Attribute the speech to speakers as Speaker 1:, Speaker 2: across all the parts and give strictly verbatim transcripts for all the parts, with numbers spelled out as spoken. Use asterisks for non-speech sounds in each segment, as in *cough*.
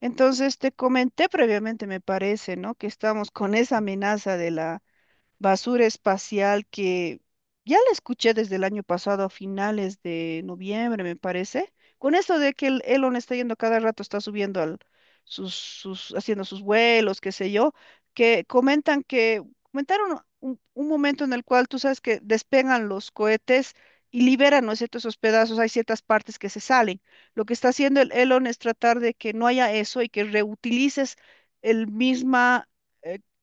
Speaker 1: Entonces, te comenté previamente, me parece, ¿no? Que estamos con esa amenaza de la basura espacial que ya la escuché desde el año pasado a finales de noviembre, me parece, con esto de que el Elon está yendo cada rato, está subiendo al, sus, sus, haciendo sus vuelos, qué sé yo, que comentan que, comentaron un, un momento en el cual tú sabes que despegan los cohetes. Y liberan, ¿no es cierto?, esos pedazos, hay ciertas partes que se salen. Lo que está haciendo el Elon es tratar de que no haya eso y que reutilices el mismo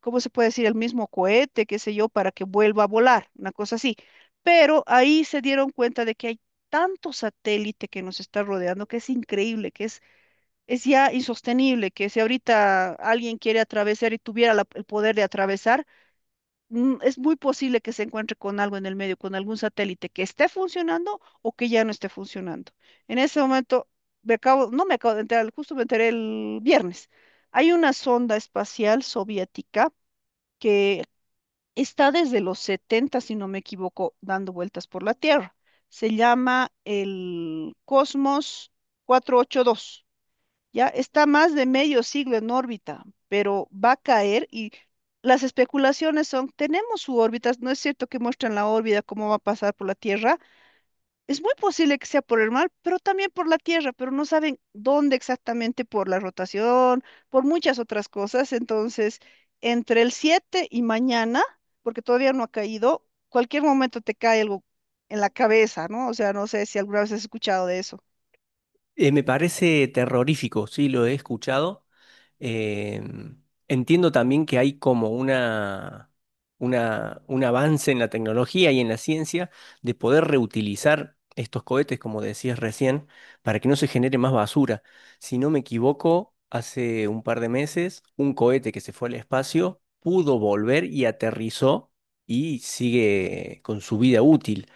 Speaker 1: ¿cómo se puede decir? El mismo cohete, qué sé yo, para que vuelva a volar, una cosa así. Pero ahí se dieron cuenta de que hay tanto satélite que nos está rodeando que es increíble, que es, es ya insostenible, que si ahorita alguien quiere atravesar y tuviera la- el poder de atravesar, mm, es muy posible que se encuentre con algo en el medio, con algún satélite que esté funcionando o que ya no esté funcionando. En ese momento, me acabo, no me acabo de enterar, justo me enteré el viernes. Hay una sonda espacial soviética que está desde los setenta si no me equivoco, dando vueltas por la Tierra. Se llama el Cosmos cuatrocientos ochenta y dos. Ya está más de medio siglo en órbita, pero va a caer y las especulaciones son, tenemos su órbita, no es cierto que muestran la órbita, cómo va a pasar por la Tierra, es muy posible que sea por el mar, pero también por la tierra, pero no saben dónde exactamente por la rotación, por muchas otras cosas. Entonces, entre el siete y mañana, porque todavía no ha caído, cualquier momento te cae algo en la cabeza, ¿no? O sea, no sé si alguna vez has escuchado de eso.
Speaker 2: Eh, me parece terrorífico, sí, lo he escuchado. Eh, Entiendo también que hay como una, una, un avance en la tecnología y en la ciencia de poder reutilizar estos cohetes, como decías recién, para que no se genere más basura. Si no me equivoco, hace un par de meses, un cohete que se fue al espacio pudo volver y aterrizó y sigue con su vida útil.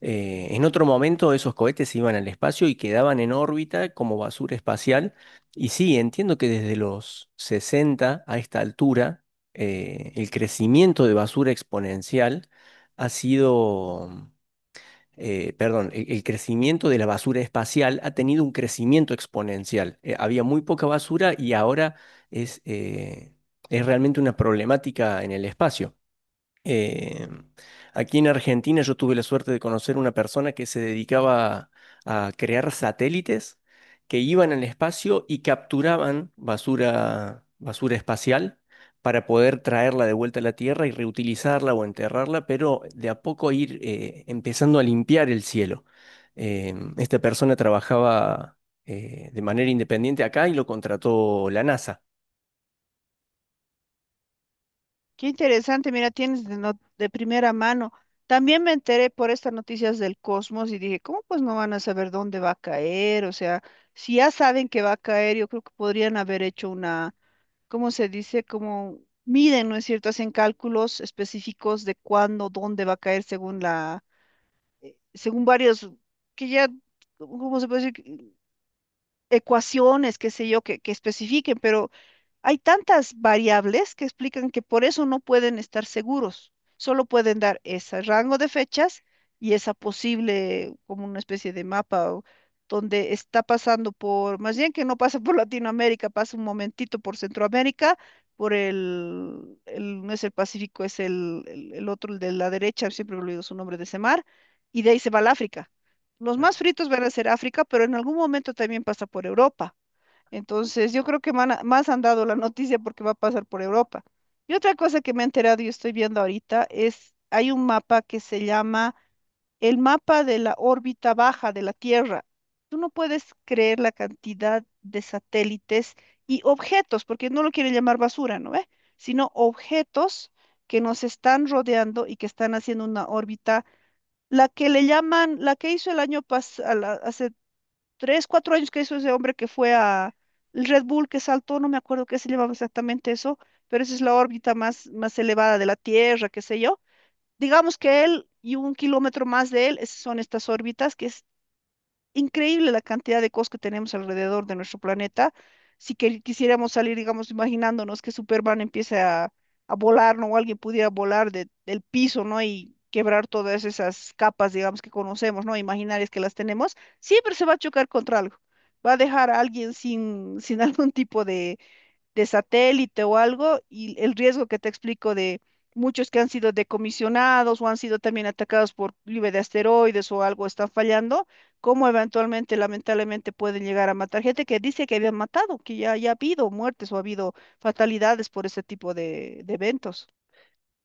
Speaker 2: Eh, en otro momento esos cohetes iban al espacio y quedaban en órbita como basura espacial. Y sí, entiendo que desde los sesenta a esta altura, eh, el crecimiento de basura exponencial ha sido, eh, perdón, el, el crecimiento de la basura espacial ha tenido un crecimiento exponencial. Eh, había muy poca basura y ahora es, eh, es realmente una problemática en el espacio. Eh, Aquí en Argentina yo tuve la suerte de conocer una persona que se dedicaba a crear satélites que iban al espacio y capturaban basura, basura espacial para poder traerla de vuelta a la Tierra y reutilizarla o enterrarla, pero de a poco ir eh, empezando a limpiar el cielo. Eh, esta persona trabajaba eh, de manera independiente acá y lo contrató la NASA.
Speaker 1: Qué interesante, mira, tienes de, not- de primera mano. También me enteré por estas noticias del Cosmos y dije, ¿cómo pues no van a saber dónde va a caer? O sea, si ya saben que va a caer, yo creo que podrían haber hecho una, ¿cómo se dice? Como miden, ¿no es cierto? Hacen cálculos específicos de cuándo, dónde va a caer según la, según varios, que ya, ¿cómo se puede decir? Ecuaciones, qué sé yo, que, que especifiquen, pero hay tantas variables que explican que por eso no pueden estar seguros. Solo pueden dar ese rango de fechas y esa posible, como una especie de mapa, o donde está pasando por, más bien que no pasa por *laughs* Latinoamérica, pasa un momentito por Centroamérica, por el, el- no es el Pacífico, es el, el, el otro, el de la derecha, siempre he olvidado su nombre de ese mar, y de ahí se va al África. Los más
Speaker 2: Claro.
Speaker 1: fritos van a ser África, pero en algún momento también pasa por Europa. Entonces, yo creo que man- más han dado la noticia porque va a pasar por Europa. Y otra cosa que me he enterado y estoy viendo ahorita es, hay un mapa que se llama el mapa de la órbita baja de la Tierra. Tú no puedes creer la cantidad de satélites y objetos, porque no lo quieren llamar basura, ¿no ve? Sino objetos que nos están rodeando y que están haciendo una órbita, la que le llaman, la que hizo el año pasado, tres, cuatro años que hizo ese hombre que fue a el Red Bull que saltó, no me acuerdo qué se llamaba exactamente eso, pero esa es la órbita más, más elevada de la Tierra, qué sé yo. Digamos que él y un kilómetro más de él, esas son estas órbitas que increíble la cantidad de cosas que tenemos alrededor de nuestro planeta. Si que- quisiéramos salir, digamos, imaginándonos que Superman empiece a, a volar, ¿no? O alguien pudiera volar de- del piso, ¿no? Y quebrar todas esas capas, digamos, que conocemos, ¿no? Imaginarias que las tenemos, siempre se va a chocar contra algo. Va a dejar a alguien sin, sin *laughs* algún tipo de satélite o algo, y el riesgo que te explico de muchos que han sido decomisionados o han sido también atacados por lluvia de asteroides o algo, están fallando, cómo eventualmente, lamentablemente, pueden llegar a matar gente que dice que habían matado, que ya, ya ha habido muertes o ha habido fatalidades por ese tipo de de eventos.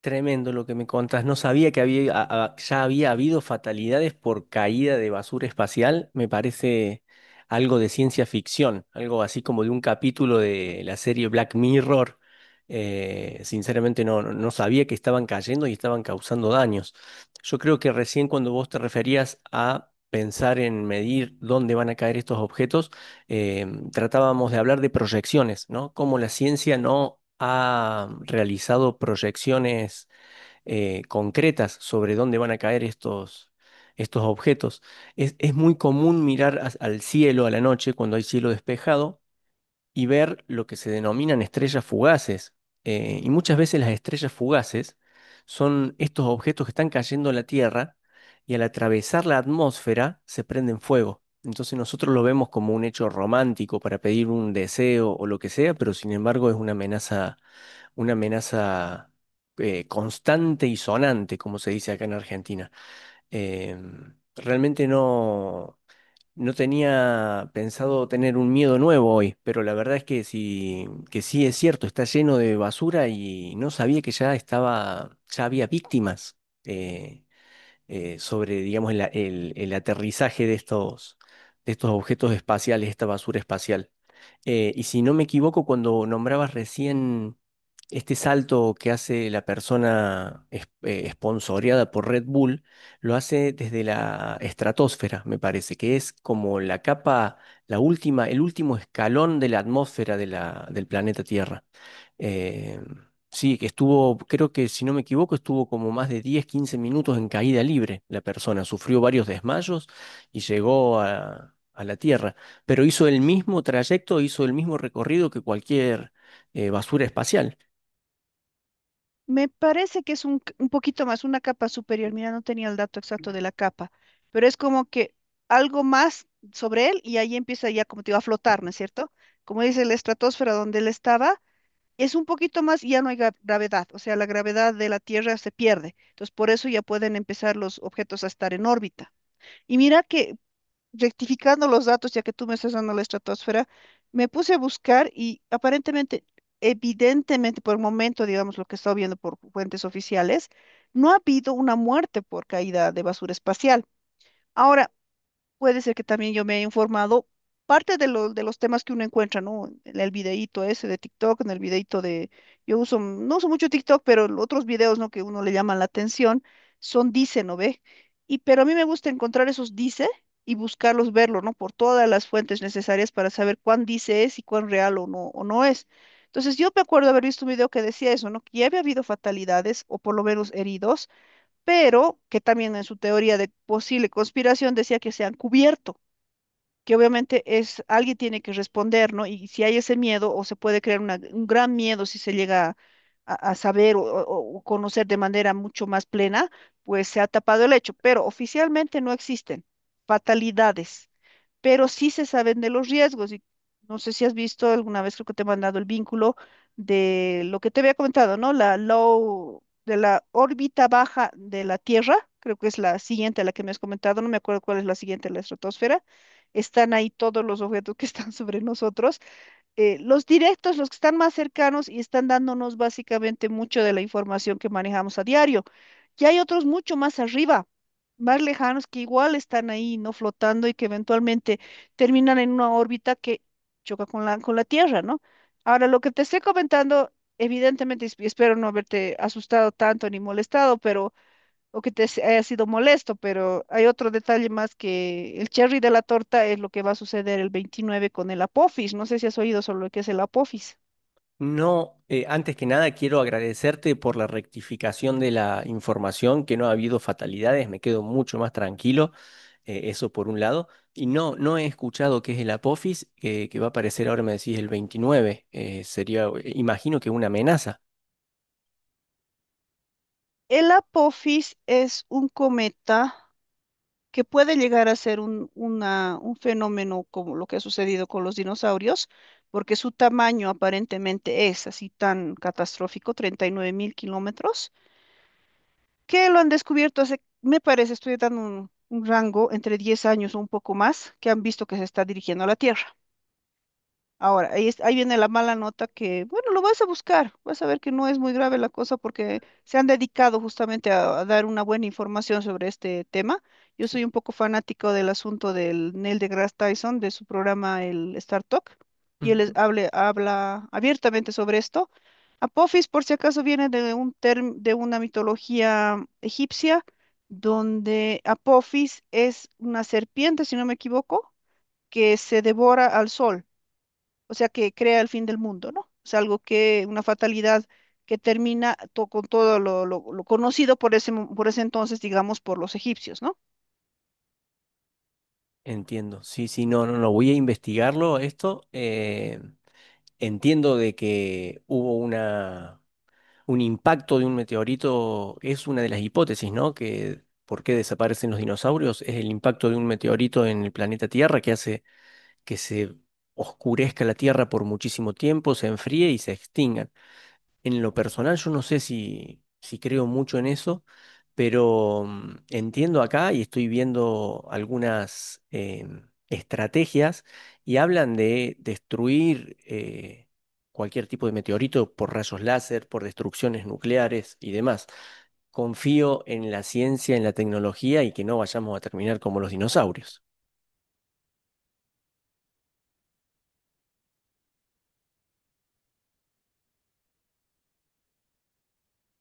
Speaker 2: Tremendo lo que me contás. No sabía que había, a- a- ya había habido fatalidades por caída de basura espacial. Me parece algo de ciencia ficción, algo así como de un capítulo de la serie Black Mirror. Eh, sinceramente no, no no sabía que estaban cayendo y estaban causando daños. Yo creo que recién cuando vos te referías a pensar en medir dónde van a caer estos objetos, eh, tratábamos de hablar de proyecciones, ¿no? Cómo la ciencia no ha realizado proyecciones eh, concretas sobre dónde van a caer estos, estos objetos. Es, es muy común mirar as- al cielo a la noche cuando hay cielo despejado y ver lo que se denominan estrellas fugaces. Eh, y muchas veces las estrellas fugaces son estos objetos que están cayendo a la Tierra y al atravesar la atmósfera se prenden fuego. Entonces nosotros lo vemos como un hecho romántico para pedir un deseo o lo que sea, pero sin embargo es una amenaza, una amenaza eh, constante y sonante, como se dice acá en Argentina. Em, realmente no. No tenía pensado tener un miedo nuevo hoy, pero la verdad es que sí, que sí es cierto, está lleno de basura y no sabía que ya estaba, ya había víctimas. Eh, eh, Sobre, digamos, el, a- el- el aterrizaje de estos, de estos objetos espaciales, esta basura espacial. Eh, y si no me equivoco, cuando nombrabas recién este salto que hace la persona es- eh, esponsoreada por Red Bull, lo hace desde la estratosfera, me parece, que es como la capa, la última, el último escalón de la atmósfera de la, del planeta Tierra. Eh, sí, que estuvo, creo que si no me equivoco, estuvo como más de diez, quince minutos en caída libre la persona. Sufrió varios desmayos y llegó a, a la Tierra. Pero hizo el mismo trayecto, hizo el mismo recorrido que cualquier eh, basura espacial.
Speaker 1: Me parece que es un, c- un poquito más, una capa superior. Mira, no tenía el dato exacto de la capa, pero es como que algo más sobre él y ahí empieza ya, como te digo, a flotar, ¿no es cierto? Como dice la estratosfera donde él estaba, es un poquito más y ya no hay gra- gravedad, o sea, la gravedad de la Tierra se pierde. Entonces, por eso ya pueden empezar los objetos a estar en órbita. Y mira que rectificando los datos, ya que tú me estás dando la estratosfera, me puse a buscar y aparentemente, evidentemente, por el momento, digamos, lo que he estado viendo por fuentes oficiales, no ha habido una muerte por caída de basura espacial. Ahora, puede ser que también yo me he informado parte de, lo- de los temas que uno encuentra, ¿no? En el videíto ese de TikTok, en el videíto de... Yo uso, no uso mucho TikTok, pero los otros videos, ¿no? Que uno le llaman la atención, son dice, ¿no ve? Y pero a mí me gusta encontrar esos dice y buscarlos, verlo, ¿no? Por todas las fuentes necesarias para saber cuán dice es y cuán real o no, o no es. Entonces yo me acuerdo haber visto un video que decía eso, ¿no? Que ya había habido fatalidades o por lo menos heridos pero que también en su teoría de posible conspiración decía que se han cubierto, que obviamente es alguien tiene que responder, ¿no? Y si hay ese miedo, o se puede crear una- un gran miedo si se llega a, a saber o, o- o conocer de manera mucho más plena, pues se ha tapado el hecho, pero oficialmente no existen fatalidades pero sí se saben de los riesgos. Y no sé si has visto alguna vez, creo que te he mandado el vínculo de lo que te había comentado, ¿no? La low, de la órbita baja de la Tierra, creo que es la siguiente a la que me has comentado, no me acuerdo cuál es la siguiente, la estratosfera. Están ahí todos los objetos que están *laughs* sobre nosotros eh, los directos, los que están más cercanos y están dándonos básicamente mucho de la información que manejamos a diario. Y hay otros mucho más arriba, más lejanos, que igual están ahí, ¿no? Flotando y que eventualmente terminan en una órbita que choca con la, con la Tierra, ¿no? Ahora, lo que te estoy comentando, evidentemente, y espero no haberte asustado tanto ni molestado, pero o que te s- haya sido molesto, pero hay otro detalle más que el cherry de la torta es lo que va a suceder el veintinueve con el Apophis. No sé si has oído sobre lo que es el Apophis.
Speaker 2: No, eh, antes que nada quiero agradecerte por la rectificación de la información, que no ha habido fatalidades, me quedo mucho más tranquilo, eh, eso por un lado. Y no, no he escuchado qué es el Apophis, eh, que va a aparecer ahora, me decís, el veintinueve. Eh, sería, eh, imagino que una amenaza.
Speaker 1: El Apophis es un cometa que puede llegar a ser un, una- un fenómeno como lo que ha sucedido con los dinosaurios, porque su tamaño aparentemente es así tan catastrófico, 39 mil kilómetros, que lo han descubierto hace, me parece, estoy dando un, un rango entre diez años o un poco más, que han visto que se está dirigiendo a la Tierra. Ahora, ahí, es- ahí viene la mala nota que, bueno, lo vas a buscar, vas a ver que no es muy grave la cosa porque se han dedicado justamente a, a dar una buena información sobre este tema. Yo soy un
Speaker 2: Sí.
Speaker 1: poco fanático del asunto del Neil deGrasse Tyson, de su programa el Star Talk, y él es-
Speaker 2: Ujú.
Speaker 1: hable- habla abiertamente sobre esto. Apophis, por si acaso, viene de un term- de una mitología egipcia donde Apophis es una serpiente, si no me equivoco, que se devora al sol o sea, que crea el fin del mundo, ¿no? Es algo que, una fatalidad que termina to- con todo lo, lo- lo conocido por ese, mo- por ese entonces, digamos, por los egipcios, ¿no?
Speaker 2: Entiendo. Sí, sí, no, no, no, voy a investigarlo esto. Eh, entiendo de que hubo una un impacto de un meteorito es una de las hipótesis, ¿no? Que por qué desaparecen los dinosaurios es el impacto de un meteorito en el planeta Tierra que hace que se oscurezca la Tierra por muchísimo tiempo, se enfríe y se extingan. En lo personal, yo no sé si, si creo mucho en eso, pero mm, entiendo acá y estoy viendo algunas em, estrategias y hablan de destruir eh, cualquier tipo de meteorito por rayos láser, por destrucciones nucleares y demás. Confío en la ciencia, en la tecnología y que no vayamos a terminar como los dinosaurios.